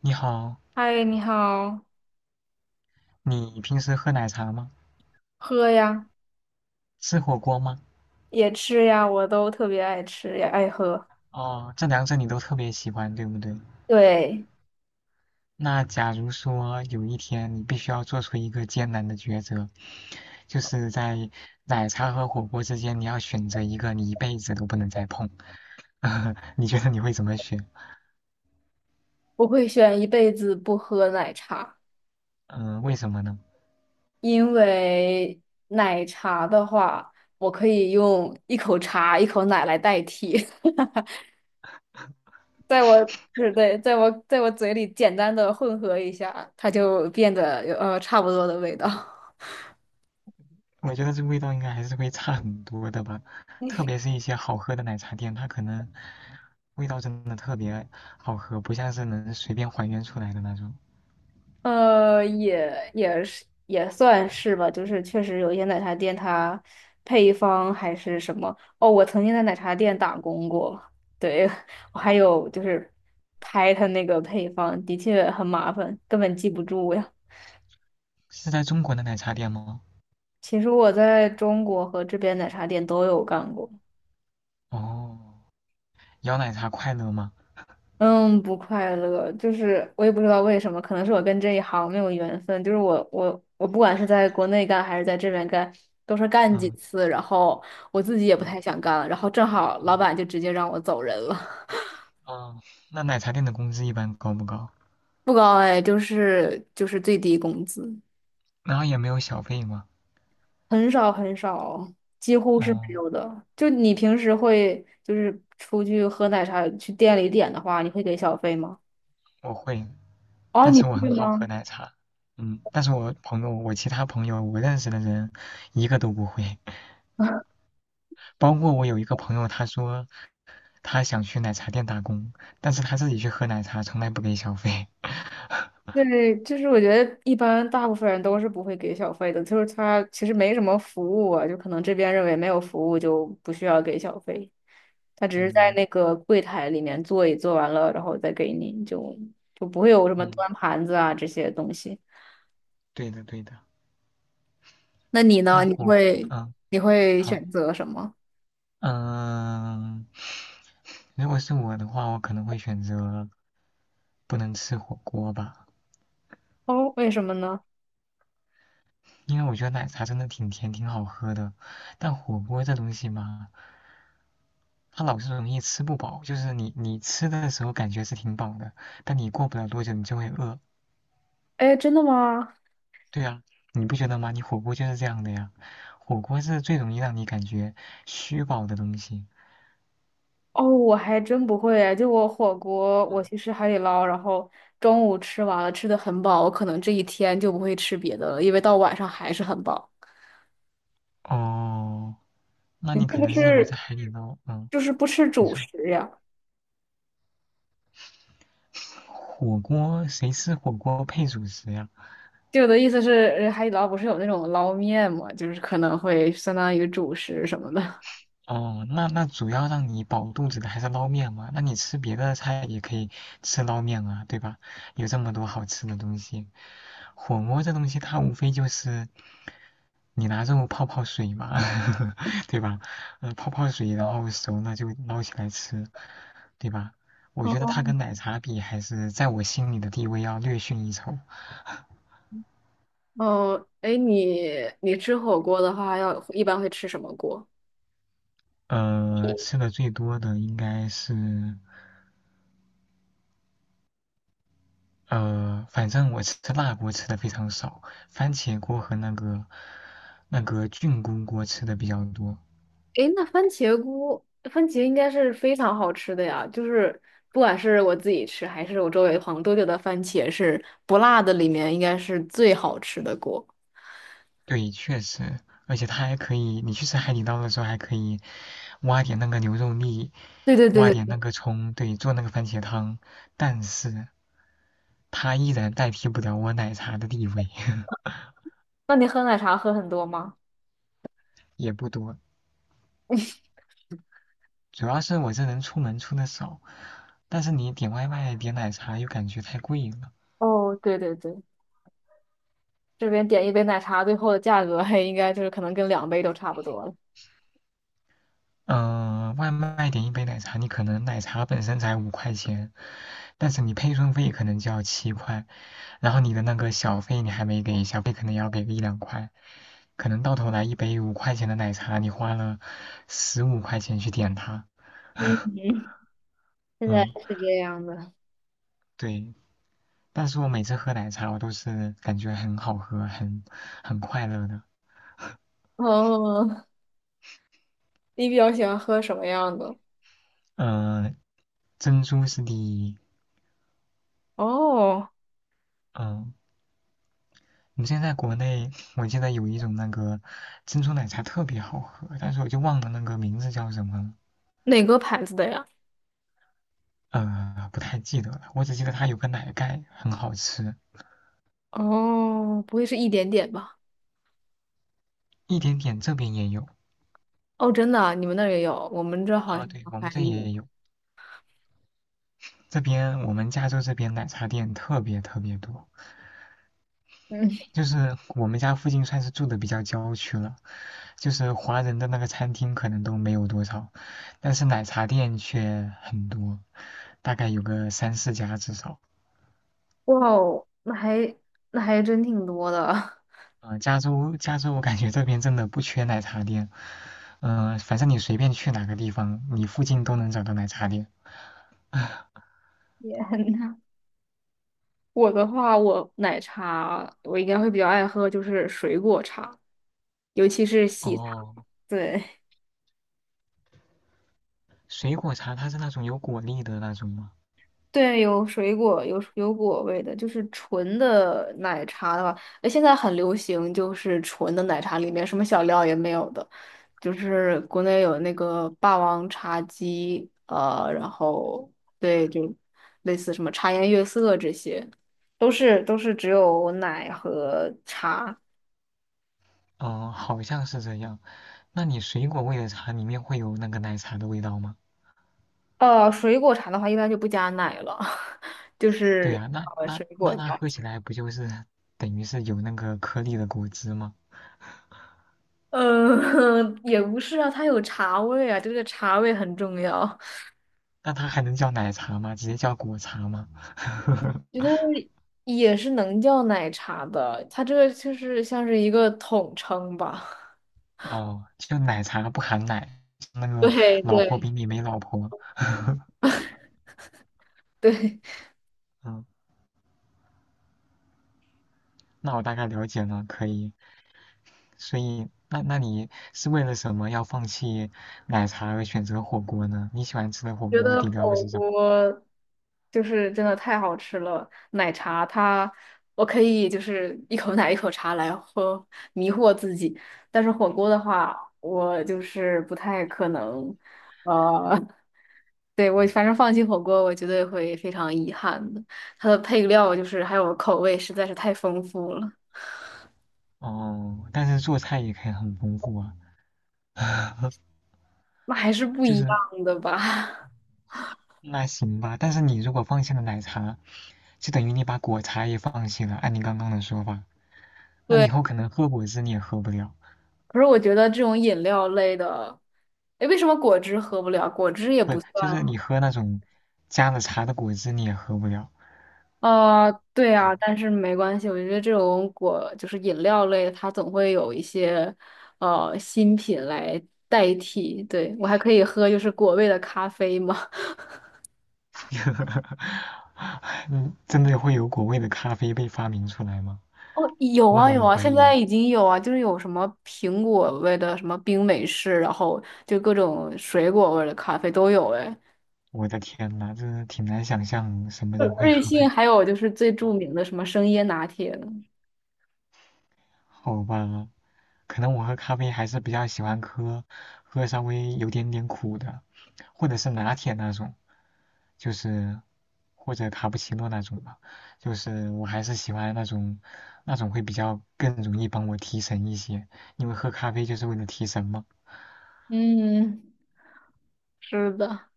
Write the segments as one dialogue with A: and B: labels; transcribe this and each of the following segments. A: 你好，
B: 嗨，你好。
A: 你平时喝奶茶吗？
B: 喝呀。
A: 吃火锅吗？
B: 也吃呀，我都特别爱吃，也爱喝。
A: 哦，这两者你都特别喜欢，对不对？
B: 对。
A: 那假如说有一天你必须要做出一个艰难的抉择，就是在奶茶和火锅之间，你要选择一个你一辈子都不能再碰，你觉得你会怎么选？
B: 我会选一辈子不喝奶茶，
A: 嗯、为什么呢？
B: 因为奶茶的话，我可以用一口茶、一口奶来代替，在我，对对，在我嘴里简单的混合一下，它就变得有差不多的味道。
A: 我觉得这味道应该还是会差很多的吧，特别是一些好喝的奶茶店，它可能味道真的特别好喝，不像是能随便还原出来的那种。
B: 也是也算是吧，就是确实有一些奶茶店它配方还是什么。哦，我曾经在奶茶店打工过。对，我还有就是拍它那个配方，的确很麻烦，根本记不住呀。
A: 是在中国的奶茶店吗？
B: 其实我在中国和这边奶茶店都有干过。
A: 哦，摇奶茶快乐吗？
B: 嗯，不快乐，就是我也不知道为什么，可能是我跟这一行没有缘分。就是我不管是在国内干还是在这边干，都是干几
A: 嗯
B: 次，然后我自己也不
A: 嗯
B: 太想干了，然后正好老
A: 嗯，
B: 板就直接让我走人了。
A: 哦，那奶茶店的工资一般高不高？
B: 不高哎，就是最低工资。
A: 然后也没有小费吗？
B: 很少很少，几乎是没
A: 哦，
B: 有的。就你平时会就是出去喝奶茶，去店里点的话，你会给小费吗？
A: 我会，
B: 哦，
A: 但
B: 你
A: 是我
B: 会
A: 很好喝
B: 吗？
A: 奶茶。嗯，但是我朋友，我其他朋友，我认识的人，一个都不会。包括我有一个朋友，他说他想去奶茶店打工，但是他自己去喝奶茶，从来不给小费。
B: 对，就是我觉得一般大部分人都是不会给小费的，就是他其实没什么服务啊，就可能这边认为没有服务就不需要给小费，他只是在
A: 嗯
B: 那个柜台里面坐一坐完了，然后再给你，就不会有什么
A: 嗯，
B: 端盘子啊这些东西。
A: 对的对的。
B: 那你
A: 那
B: 呢？
A: 火，嗯，
B: 你会
A: 好。
B: 选择什么？
A: 嗯，如果是我的话，我可能会选择不能吃火锅吧，
B: 哦，为什么呢？
A: 因为我觉得奶茶真的挺甜，挺好喝的，但火锅这东西嘛，它老是容易吃不饱，就是你吃的时候感觉是挺饱的，但你过不了多久你就会饿。
B: 哎，真的吗？
A: 对啊，你不觉得吗？你火锅就是这样的呀，火锅是最容易让你感觉虚饱的东西。
B: 哦，我还真不会哎，就我火锅，我去吃海底捞，然后中午吃完了，吃的很饱，我可能这一天就不会吃别的了，因为到晚上还是很饱。
A: 哦，那
B: 你
A: 你
B: 是
A: 可
B: 不
A: 能是因为在
B: 是
A: 海底捞，嗯，
B: 就是不吃
A: 你
B: 主
A: 说。
B: 食呀？
A: 火锅谁吃火锅配主食呀？
B: 就我的意思是，海底捞不是有那种捞面嘛，就是可能会相当于主食什么的。
A: 哦，那主要让你饱肚子的还是捞面嘛？那你吃别的菜也可以吃捞面啊，对吧？有这么多好吃的东西，火锅这东西它无非就是你拿肉泡泡水嘛，对吧？泡泡水，然后熟了就捞起来吃，对吧？我觉得它跟奶茶比，还是在我心里的地位要略逊一筹。
B: 哦，哎，你吃火锅的话，要一般会吃什么锅？
A: 吃的最多的应该是反正我吃辣锅吃的非常少，番茄锅和那个菌菇锅吃的比较多。
B: 诶，那番茄菇，番茄应该是非常好吃的呀。就是不管是我自己吃，还是我周围的朋友，都觉得番茄是不辣的里面应该是最好吃的锅。
A: 对，确实，而且它还可以，你去吃海底捞的时候还可以挖点那个牛肉粒，
B: 对对对
A: 挖
B: 对
A: 点那
B: 对。
A: 个葱，对，做那个番茄汤。但是它依然代替不了我奶茶的地位，
B: 那你喝奶茶喝很多吗？
A: 也不多。主要是我这人出门出的少，但是你点外卖点奶茶又感觉太贵了。
B: 哦，对对对，这边点一杯奶茶，最后的价格还应该就是可能跟两杯都差不多了。
A: 外卖点一杯奶茶，你可能奶茶本身才五块钱，但是你配送费可能就要7块，然后你的那个小费你还没给，小费可能要给个一两块，可能到头来一杯五块钱的奶茶，你花了15块钱去点它，
B: 现在
A: 嗯，
B: 是这样的。
A: 对。但是我每次喝奶茶，我都是感觉很好喝，很快乐的。
B: 哦，你比较喜欢喝什么样的？
A: 嗯、呃珍珠是第一，
B: 哦，
A: 嗯、呃我们现在在国内，我记得有一种那个珍珠奶茶特别好喝，但是我就忘了那个名字叫什么了，
B: 哪个牌子的呀？
A: 呃，不太记得了。我只记得它有个奶盖很好吃，
B: 哦，不会是一点点吧？
A: 一点点这边也有
B: 哦，真的啊，你们那儿也有，我们这好
A: 啊，
B: 像
A: 对，我
B: 还
A: 们这
B: 没。
A: 也有。这边我们加州这边奶茶店特别特别多，
B: 嗯，
A: 就是我们家附近算是住的比较郊区了，就是华人的那个餐厅可能都没有多少，但是奶茶店却很多，大概有个三四家至少。
B: 哇哦，那还真挺多的。
A: 加州，我感觉这边真的不缺奶茶店。反正你随便去哪个地方，你附近都能找到奶茶店。
B: 也很，我的话，我奶茶我应该会比较爱喝，就是水果茶，尤其是喜茶。
A: 哦，
B: 对。
A: 水果茶它是那种有果粒的那种吗？
B: 对，有水果，有果味的，就是纯的奶茶的话，哎，现在很流行，就是纯的奶茶里面什么小料也没有的，就是国内有那个霸王茶姬，然后对，就类似什么茶颜悦色这些，都是只有奶和茶。
A: 哦、好像是这样。那你水果味的茶里面会有那个奶茶的味道吗？
B: 水果茶的话一般就不加奶了，就
A: 对
B: 是
A: 呀、那那
B: 水果
A: 那它
B: 加，
A: 喝起来不就是等于是有那个颗粒的果汁吗？
B: 呃，也不是啊，它有茶味啊，这个茶味很重要。
A: 那它还能叫奶茶吗？直接叫果茶吗？
B: 觉 得也是能叫奶茶的，它这个就是像是一个统称吧。
A: 哦，就奶茶不含奶，那个
B: 对
A: 老婆
B: 对
A: 饼里没老婆。
B: 对。
A: 嗯，那我大概了解了，可以。所以，那你是为了什么要放弃奶茶而选择火锅呢？你喜欢吃的火
B: 觉
A: 锅
B: 得
A: 底料
B: 火
A: 是什么？
B: 锅就是真的太好吃了。奶茶它我可以就是一口奶一口茶来喝，迷惑自己。但是火锅的话，我就是不太可能。呃，对，我反正放弃火锅，我绝对会非常遗憾的。它的配料就是还有口味实在是太丰富了。
A: 哦，但是做菜也可以很丰富啊。
B: 那还是不
A: 就
B: 一
A: 是
B: 样的吧？
A: 那行吧，但是你如果放弃了奶茶，就等于你把果茶也放弃了。按你刚刚的说法，那你
B: 对，
A: 以后可能喝果汁你也喝不了，
B: 可是我觉得这种饮料类的，哎，为什么果汁喝不了？果汁也
A: 不，
B: 不
A: 就
B: 算。
A: 是你喝那种加了茶的果汁你也喝不了。
B: 对
A: 嗯。
B: 啊，但是没关系，我觉得这种果就是饮料类的，它总会有一些新品来代替。对，我还可以喝就是果味的咖啡吗？
A: 呵呵嗯，真的会有果味的咖啡被发明出来吗？
B: 哦，有
A: 我
B: 啊有
A: 很
B: 啊，
A: 怀
B: 现在
A: 疑。
B: 已经有啊，就是有什么苹果味的什么冰美式，然后就各种水果味的咖啡都有哎。
A: 我的天呐，真的挺难想象什么人 会
B: 瑞
A: 喝
B: 幸
A: 的。
B: 还有就是最著名的什么生椰拿铁了。
A: 好吧，可能我喝咖啡还是比较喜欢喝稍微有点点苦的，或者是拿铁那种，就是或者卡布奇诺那种吧。就是我还是喜欢那种会比较更容易帮我提神一些，因为喝咖啡就是为了提神嘛。
B: 嗯是的。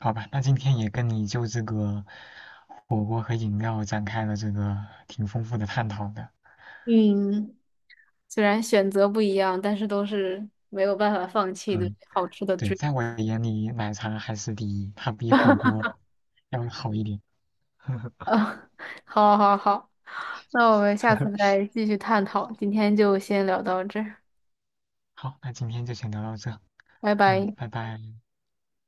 A: 好吧，那今天也跟你就这个火锅和饮料展开了这个挺丰富的探讨的。
B: 嗯，虽然选择不一样，但是都是没有办法放弃的
A: 嗯，
B: 好吃的
A: 对，
B: 追求。
A: 在我眼里，奶茶还是第一，它比火锅要好一点。
B: 好好好，那我们下次 再继续探讨，今天就先聊到这儿，
A: 好，那今天就先聊到这。
B: 拜
A: 嗯，
B: 拜。
A: 拜拜。